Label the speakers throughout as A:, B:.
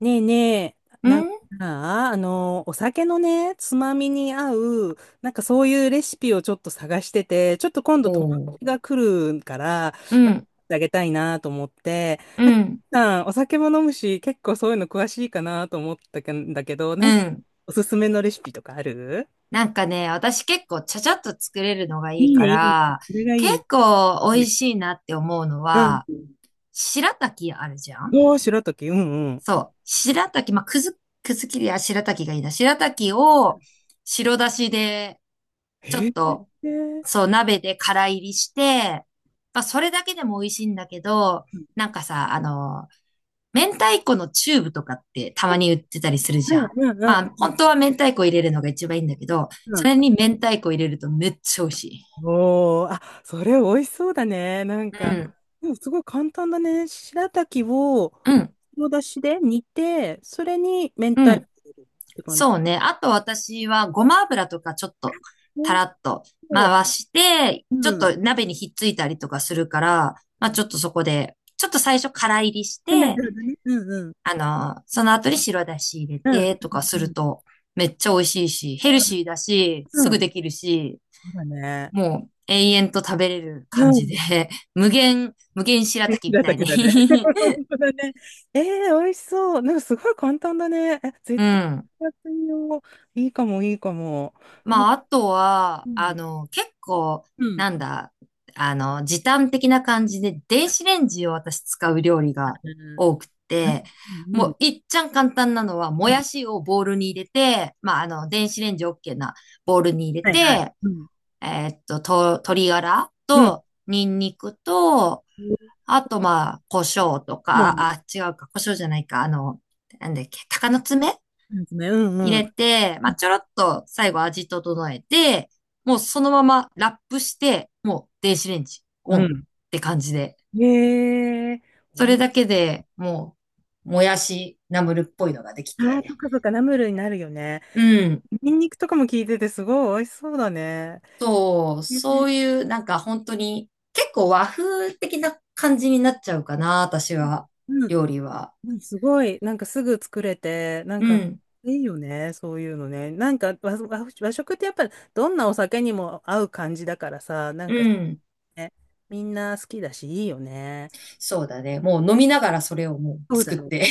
A: ねえねえ、
B: う
A: なんか
B: ん。
A: さ、あの、お酒のね、つまみに合う、なんかそういうレシピをちょっと探してて、ちょっと今度友
B: おう。
A: 達が来るから、
B: うん、
A: あげたいなと思って、
B: うん、
A: さんお酒も飲むし、結構そういうの詳しいかなと思ったんだけど、
B: うん。
A: おすすめのレシピとかある？
B: なんかね、私結構ちゃちゃっと作れるのがい
A: い
B: い
A: い
B: か
A: ね、いいね。
B: ら、
A: それがい
B: 結
A: い。
B: 構美味しいなって思うの
A: うん。
B: は、白滝あるじゃん。
A: どうしろとき、うんうん。
B: そう。白滝、まあ、くずきりや白滝がいいな。白滝を白だしで、ちょ
A: へ
B: っ
A: え。
B: と、
A: うん
B: そう、鍋で空入りして、まあ、それだけでも美味しいんだけど、
A: う
B: なんかさ、明太子のチューブとかってたまに売ってたりするじゃん。
A: ん
B: まあ、
A: う
B: 本
A: ん
B: 当は明太子入れるのが一番いいんだけど、
A: う
B: そ
A: ん。
B: れに明太子入れるとめっちゃ美味しい。
A: おー、あ、それ美味しそうだね。
B: うん、
A: でもすごい簡単だね。白滝を、
B: うん、
A: の出汁で煮て、それに明
B: う
A: 太子
B: ん。
A: 入れるって感じ。
B: そうね。あと私はごま油とかちょっと
A: 美
B: た
A: 味
B: ら
A: し
B: っと
A: そう。
B: 回して、ちょ
A: う
B: っ
A: ん。
B: と鍋にひっついたりとかするから、まあ
A: う
B: ちょっとそこで、ちょっと最初から入りし
A: ん、なる
B: て、
A: ほどね。うんうん。
B: その後に白だし入れ
A: うん。
B: てとかす
A: う
B: る
A: ん。
B: とめっちゃ美味しいし、ヘルシーだし、
A: う
B: す
A: ん。う
B: ぐ
A: ん、そ
B: できるし、
A: うだね。
B: もう永遠と食べれる感
A: う
B: じで、
A: ん。
B: 無限、無限白滝み
A: 白
B: たい
A: 滝
B: に
A: だね。本当だね。えー、美味しそう。なんかすごい簡単だね。え、
B: う
A: 絶対
B: ん。
A: やってみよう。いいかも、いいかも。なん
B: ま
A: か、
B: あ、あとは、
A: うん。
B: 結構、
A: うん。
B: なんだ、時短的な感じで、電子レンジを私使う料理が多
A: う
B: く
A: ん。
B: て、
A: う
B: も
A: ん。
B: う、いっちゃん簡単なのは、も
A: うん。
B: やしをボウルに入れて、まあ、電子レンジ OK なボウルに入れ
A: はいはい。
B: て、
A: うん。
B: 鶏ガラ
A: うん。
B: と、ニンニクと、
A: そ
B: あと、まあ、胡椒と
A: うなん
B: か、
A: で
B: あ、違うか、胡椒じゃないか、なんだっけ、鷹の爪
A: すね。うん
B: 入
A: うん。
B: れて、まあ、ちょろっと最後味整えて、もうそのままラップして、もう電子レンジオ
A: う
B: ンっ
A: ん。
B: て感じで、
A: へえ。
B: そ
A: お
B: れ
A: い、
B: だけでもう、もやしナムルっぽいのができ
A: ああ、そっ
B: て、
A: かそっか、ナムルになるよね。
B: うん、
A: ニンニクとかも効いてて、すごい美味しそうだね。
B: そう、
A: へえ、
B: そういうなんか本当に結構和風的な感じになっちゃうかな、私は、
A: うん。
B: 料理は。
A: うんすごい、すぐ作れて、
B: うん、
A: いいよね、そういうのね。和和食ってやっぱ、どんなお酒にも合う感じだからさ、
B: うん。
A: ね、みんな好きだし、いいよね。
B: そうだね。もう飲みながらそれをもう
A: そうだ
B: 作っ
A: ね。足
B: て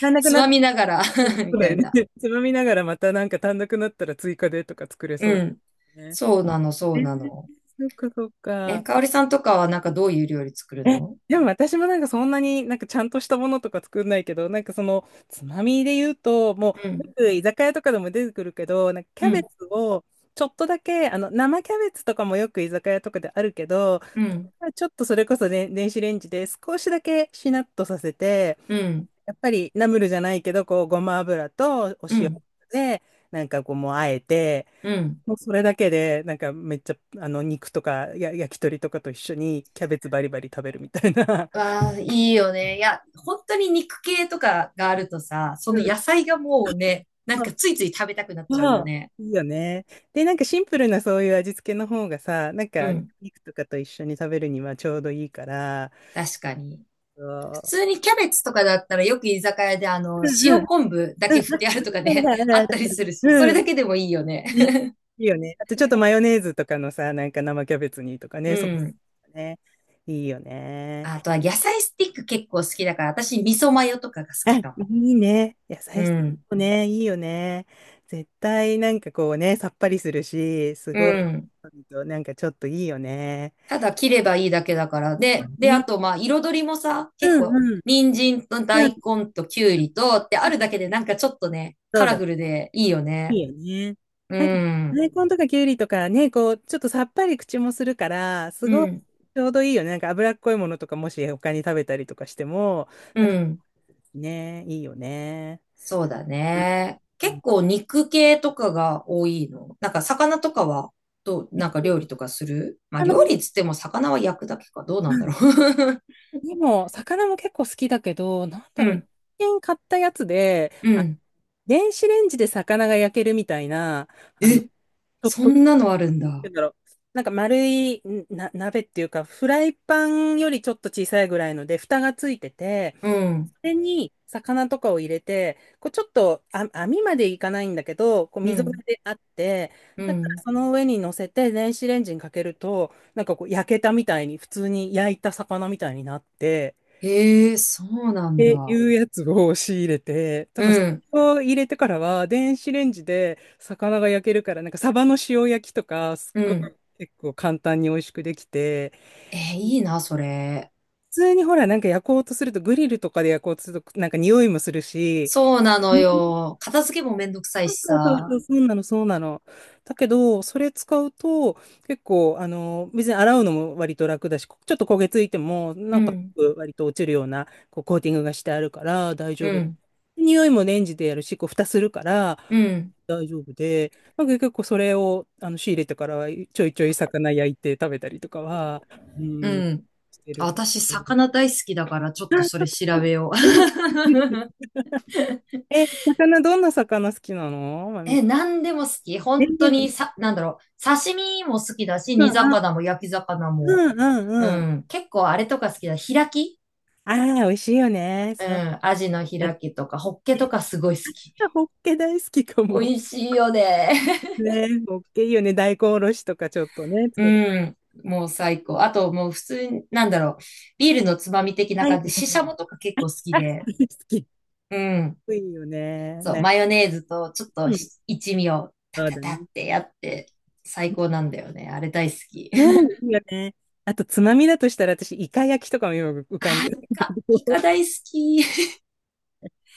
A: ら なく
B: つ
A: なっ
B: まみながら
A: そ
B: み
A: うだ
B: た
A: よ
B: い
A: ね。
B: な。
A: つまみながらまたなんか単独になったら追加でとか作れそう
B: うん。
A: だね。
B: そうなの、そ
A: え
B: うな
A: ー、
B: の。
A: そっかそっ
B: え、
A: か。
B: かおりさんとかはなんかどういう料理作る
A: え、
B: の？
A: でも私もなんかそんなにちゃんとしたものとか作んないけど、なんかそのつまみで言うと、も
B: う
A: う
B: ん、
A: よく居酒屋とかでも出てくるけど、なんかキ
B: う
A: ャベツ
B: ん、
A: をちょっとだけ、あの生キャベツとかもよく居酒屋とかであるけど、
B: うん、
A: ちょっとそれこそね、電子レンジで少しだけしなっとさせて、
B: うん、
A: やっぱりナムルじゃないけど、こう、ごま油とお
B: う
A: 塩
B: ん、
A: で、なんかこう、もうあえて、
B: うん。
A: もうそれだけで、めっちゃ、肉とかや、焼き鳥とかと一緒にキャベツバリバリ食べるみたいな。
B: わあ、いいよね。いや、本当に肉系とかがあるとさ、そ
A: う
B: の
A: ん。
B: 野菜がもうね、なん
A: あ、
B: かついつい食べたくなっちゃう
A: ま
B: よ
A: あ、
B: ね。
A: いいよね。で、なんかシンプルなそういう味付けの方がさ、
B: うん、
A: 肉とかと一緒に食べるにはちょうどいいから、
B: 確かに。
A: そ
B: 普通
A: う。
B: にキャベツとかだったらよく居酒屋で
A: うんう
B: 塩
A: ん。
B: 昆布だけ振ってあるとか
A: あ
B: ね、
A: るあ る
B: あ
A: ある
B: った
A: あ
B: り
A: る
B: するし、
A: う
B: そ
A: ん
B: れだけでもいいよね。
A: うん いいよね。あとちょっとマヨネーズとかのさ、なんか生キャベツにとか
B: う
A: ね、そ
B: ん。
A: うね。いいよね。
B: あとは野菜スティック結構好きだから、私味噌マヨとかが好
A: あ、
B: き
A: い
B: かも。
A: いね。野
B: う
A: 菜室
B: ん。
A: もね、いいよね。絶対なんかこうね、さっぱりするし、す
B: う
A: ごい、
B: ん。
A: ちょっといいよね。
B: ただ切ればいいだけだから。で、あ
A: ね、
B: とまあ彩りもさ、
A: う
B: 結
A: ん
B: 構、
A: うん。
B: 人参と
A: う
B: 大
A: ん。
B: 根ときゅうりとってあるだけでなんかちょっとね、
A: そ
B: カ
A: う
B: ラ
A: だ、
B: フルでいいよ
A: い
B: ね。
A: いよね。
B: う
A: なんか、
B: ん。
A: 大根とかきゅうりとかね、こう、ちょっとさっぱり口もするから、す
B: う
A: ごい
B: ん。
A: ちょうどいいよね。なんか脂っこいものとかもし他に食べたりとかしても、
B: う
A: なんか
B: ん。
A: ね、いいよね。
B: そうだ
A: う
B: ね。結
A: ん、
B: 構肉系とかが多いの。なんか魚とかは、どう、なんか料理とかするまあ料
A: 魚、
B: 理つっても魚は焼くだけか。どうな
A: う
B: んだろ
A: ん、
B: う。
A: でも、魚も結構好きだけど、なん だ
B: う
A: ろう、
B: ん。
A: 最近買ったやつで、
B: う
A: あ、
B: ん。
A: 電子レンジで魚が焼けるみたいな、
B: え、
A: ちょっ
B: そ
A: と、
B: んなのあるん
A: なんて
B: だ。
A: 言うんだろう、なんか丸いんな、鍋っていうか、フライパンよりちょっと小さいぐらいので、蓋がついてて、
B: うん。
A: れに魚とかを入れて、こうちょっとあ網までいかないんだけど、こう
B: う
A: 溝が
B: ん。
A: であって、
B: う
A: だか
B: ん。
A: らその上に乗せて電子レンジにかけると、なんかこう焼けたみたいに、普通に焼いた魚みたいになって、
B: へえ、そうな
A: っ
B: ん
A: てい
B: だ。
A: うやつを仕入れて、だ
B: う
A: からそ
B: ん。
A: れを入れてからは電子レンジで魚が焼けるから、なんかサバの塩焼きとか、すっ
B: う
A: ご
B: ん。
A: い結構簡単に美味しくできて、
B: えー、
A: 普
B: いいな、それ。
A: 通にほら、なんか焼こうとすると、グリルとかで焼こうとすると、なんか匂いもするし、
B: そうなのよ。片付けもめんどくさい
A: そう
B: し
A: そうそ
B: さ。
A: う、そうなの、そうなの。だけど、それ使うと、結構、別に洗うのも割と楽だし、ちょっと焦げついても、
B: うん。
A: 割と落ちるような、こう、コーティングがしてあるから大丈
B: う
A: 夫。
B: ん。
A: 匂いもレンジでやるし、こう、蓋するから、
B: うん。
A: 大丈夫で、なんか結構それを、仕入れてからは、ちょいちょい魚焼いて食べたりとかは、う
B: う
A: ん、
B: ん。
A: してる。
B: 私、魚大好きだから、ちょっとそれ調べよう。
A: え、魚、どんな魚好きなの、まみ
B: え、
A: さ
B: 何でも好き。
A: ん？え、
B: 本当にさ、なんだろう。刺身も好きだし、
A: うん
B: 煮魚も焼き魚も。
A: うんう
B: う
A: んうん。
B: ん。結構あれとか好きだ。開き。
A: ああ、美味しいよね。
B: う
A: そう。
B: ん。アジの
A: あ、
B: 開きとか、ホッケと
A: 実
B: かすごい好き。
A: はホッケ大好きか
B: 美
A: も。
B: 味しいよね。
A: ね、ホッケいいよね。大根おろしとかちょっとね、つ
B: う
A: けて。
B: ん。もう最高。あと、もう普通に、なんだろう。ビールのつまみ的な
A: はい。
B: 感じで、ししゃもとか結構好き
A: あ、好
B: で。
A: き。い
B: うん。
A: いよね。
B: そう、
A: ね。
B: マヨネーズとちょっと
A: うん。
B: し一味をタ
A: そう
B: タ
A: だね。
B: タってやって、最高なんだよね。あれ大好き。
A: う ん、いいよね。あと、つまみだとしたら、私、イカ焼きとかもよく浮かん
B: あ
A: で
B: ー、
A: る。
B: イカ、イカ 大好き。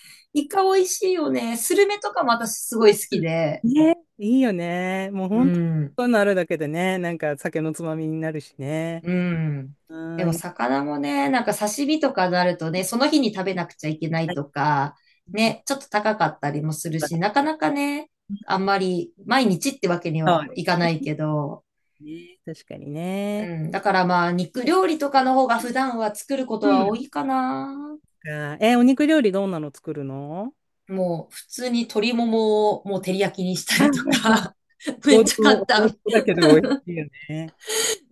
B: イカ美味しいよね。スルメとかも私すごい好きで。
A: ね、いいよね。もう
B: う
A: 本当、
B: ん、
A: そういうのあるだけでね、なんか酒のつまみになるしね。
B: うん。
A: うー
B: で
A: ん、
B: も
A: いっ
B: 魚もね、なんか刺身とかになるとね、その日に食べなくちゃいけな
A: ぱ
B: い
A: いあ
B: とか、
A: りますそ
B: ね、ちょっと高かったりもするし、なかなかね、あんまり毎日ってわけに
A: う
B: は
A: で
B: い
A: す
B: かないけど、
A: ね。確かに
B: う
A: ね。
B: ん。だからまあ、肉料理とかの方が普段は作るこ
A: う
B: とは多
A: ん
B: いかな。
A: か。え、お肉料理どんなの作るの？
B: もう、普通に鶏ももをもう照り焼きにした
A: お
B: りと
A: ん、
B: か。め
A: 王
B: っちゃ簡
A: 道、王道
B: 単。
A: だけど美味しいよね。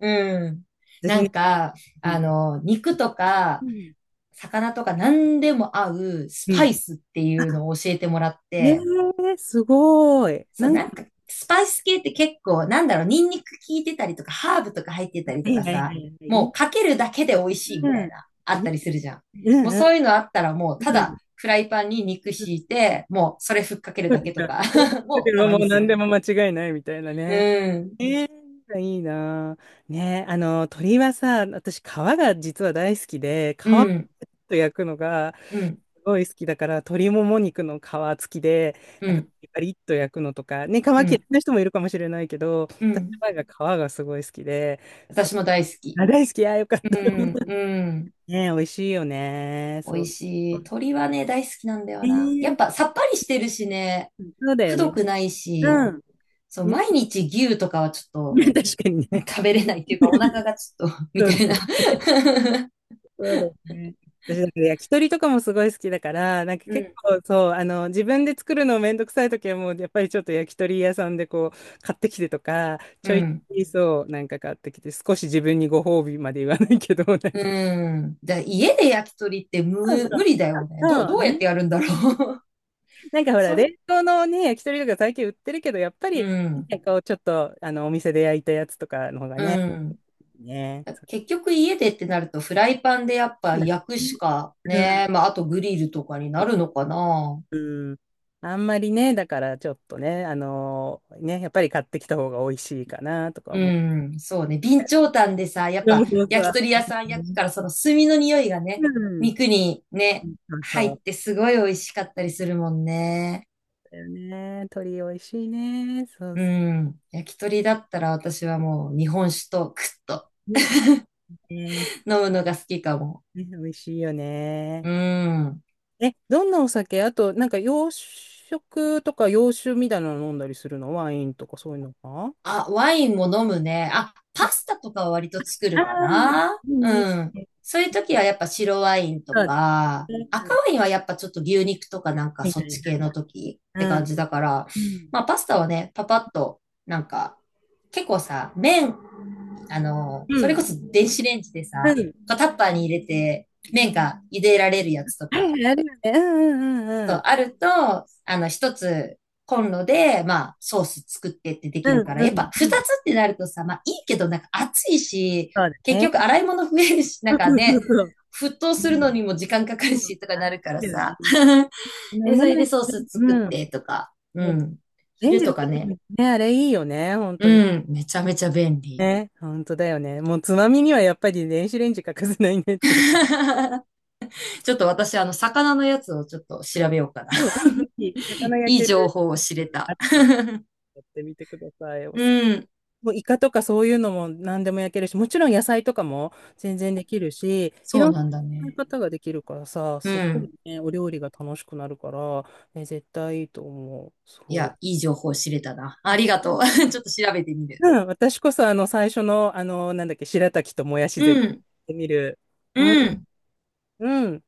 B: うん。な
A: 私ね、
B: んか、
A: うん。
B: 肉と
A: う
B: か、
A: ん
B: 魚とか何でも合うス
A: う
B: パ
A: ん。
B: イスっていうのを教えてもらっ
A: え
B: て、
A: ー、すごい。
B: そう、なんか、スパイス系って結構、なんだろう、ニンニク効いてたりとか、ハーブとか入ってたり
A: は
B: と
A: い
B: か
A: はいは
B: さ、
A: いはい。い
B: もう
A: い
B: かけるだけで美味しいみたい
A: な。
B: な、あったりするじゃん。
A: う
B: も
A: ん
B: う
A: うん
B: そういうのあったらもう、た
A: う
B: だ、
A: ん。
B: フライパンに肉敷いて、もうそれふっかける
A: そっ
B: だけと
A: か。
B: か
A: それ だけ
B: もた
A: ど
B: ま
A: も
B: に
A: う
B: す
A: 何で
B: る。
A: も間違いないみたいな
B: う
A: ね。
B: ん、
A: えー、いいなぁ。ね、鶏はさ、私、皮が実は大好きで、
B: う
A: 皮をちょっ
B: ん、
A: と焼くのが、
B: うん、
A: ごい好きだから、鶏もも肉の皮付きで、
B: う
A: なんか
B: ん、
A: パリッと焼くのとか、ね、皮嫌
B: う
A: い
B: ん、
A: な人もいるかもしれないけど、
B: う
A: 私の
B: ん。
A: 前が皮がすごい好きで、そ
B: 私も大好
A: う、
B: き。
A: あ、大好き、あ、よかっ
B: う
A: た。
B: ん、うん。
A: ね、美味しいよね。
B: 美
A: そ
B: 味
A: う。
B: しい。鶏はね、大好きなんだ
A: え
B: よな。や
A: ー、
B: っぱさっぱりしてるしね、
A: そうだよ
B: く
A: ね。
B: どくないし、
A: うん。
B: そう、毎 日牛とかはちょ
A: ね、確かに
B: っ
A: ね。
B: と食べれないっていうか、お腹がちょっと み
A: そ
B: た
A: うね、
B: いな
A: そうだね。私、なんから焼き鳥とかもすごい好きだから、なんか
B: う
A: 結
B: ん、
A: 構そう、自分で作るのめんどくさい時はもう、やっぱりちょっと焼き鳥屋さんでこう、買ってきてとか、ち
B: う
A: ょいち
B: ん、
A: ょいそう、なんか買ってきて、少し自分にご褒美まで言わないけど、
B: うん。じゃあ、家で焼き鳥って無、
A: そうそ
B: 無
A: う
B: 理だよね。どう、
A: そ
B: ど
A: う
B: うやっ
A: ね、
B: てやるんだろう？
A: なんか ほら、
B: それ、
A: 冷凍のね、焼き鳥とか最近売ってるけど、やっぱ
B: う
A: り、
B: ん、
A: なんかこう、ちょっと、お店で焼いたやつとかの方が
B: う
A: ね、
B: ん。
A: ね。
B: 結局家でってなるとフライパンでやっぱ
A: そうだ
B: 焼く
A: ね、
B: しかね、まああとグリルとかになるのかな。
A: うん。あんまりね、だからちょっとね、ね、やっぱり買ってきた方が美味しいかなとか
B: う
A: 思う。
B: ん、そうね。備長炭でさ、やっ
A: そう
B: ぱ
A: そうそ
B: 焼き
A: う。
B: 鳥屋さん
A: う
B: 焼く
A: ん、
B: から、その炭の匂いがね、肉にね、
A: そう
B: 入
A: そ
B: っ
A: う
B: てすごい美味しかったりするもんね。
A: だよね。鶏美味しいね。そう
B: う
A: そ
B: ん。焼き鳥だったら私はもう日本酒とクッと
A: う。ね、ね、
B: 飲むのが好きかも。
A: 美味しいよね。
B: うん。
A: え、どんなお酒あと、なんか洋食とか洋酒みたいなの飲んだりするの？ワインとかそういうのか？
B: あ、ワインも飲むね。あ、パスタとかは割と作
A: あ
B: る
A: あ
B: かな。
A: ー、
B: う
A: いい
B: ん。
A: ね。
B: そういう時はやっぱ白ワインと
A: そうだ
B: か、
A: ね。
B: 赤ワインはやっぱちょっと牛肉とかなんか
A: はい
B: そ
A: は
B: っち系
A: いは
B: の
A: い。
B: 時って
A: う
B: 感
A: ん。
B: じだから、
A: うん。
B: まあパスタはね、パパッと、なんか、結構さ、麺、
A: う
B: それこ
A: ん。
B: そ電子レンジで
A: う
B: さ、
A: ん。
B: こうタッパーに入れて、麺が茹でられるやつと
A: あ
B: か、
A: るよあるよね。うんうんう
B: そ
A: んう
B: う、
A: ん。
B: あると、一つコンロで、まあ、ソース作ってってでき
A: う
B: るか
A: ん
B: ら、
A: う
B: や
A: ん
B: っぱ二
A: う
B: つっ
A: ん。
B: てなるとさ、まあ、いいけど、なんか暑いし、
A: そうだ
B: 結局
A: ね。
B: 洗い物増えるし、な
A: そう
B: んか
A: そう
B: ね、
A: そう
B: 沸騰
A: う。う
B: するの
A: ん。
B: にも時間かかる
A: そう
B: し、とかなるから
A: だよね。
B: さ。
A: あの
B: で、それ
A: ね、
B: でソース
A: う
B: 作っ
A: ん。
B: てとか、う
A: もう
B: ん。
A: レン
B: 昼
A: ジで
B: とか
A: でき
B: ね。
A: るね、あれいいよね、本当に
B: うん、めちゃめちゃ便利。
A: ね。本当だよね。もうつまみにはやっぱり電子レンジ欠かせないねっていう。
B: ちょっと私、魚のやつをちょっと調べようかな。
A: もう、ぜひ、魚 焼
B: いい
A: け
B: 情
A: る。
B: 報を知れた。
A: やってみてください。お
B: う
A: す、
B: ん、
A: もうイカとかそういうのも何でも焼けるし、もちろん野菜とかも全然できるし、い
B: そう
A: ろん
B: なん
A: な
B: だ
A: 使い
B: ね。
A: 方ができるからさ、
B: う
A: すごい
B: ん。
A: ね、お料理が楽しくなるから、ね、絶対いいと思う。
B: い
A: そう。
B: や、いい情報知れたな。ありがとう。ちょっと調べてみる。
A: うん、私こそあの最初の、なんだっけ、白滝ともやし
B: う
A: 絶対や
B: ん。
A: ってみる。う
B: うん。
A: ん、うん。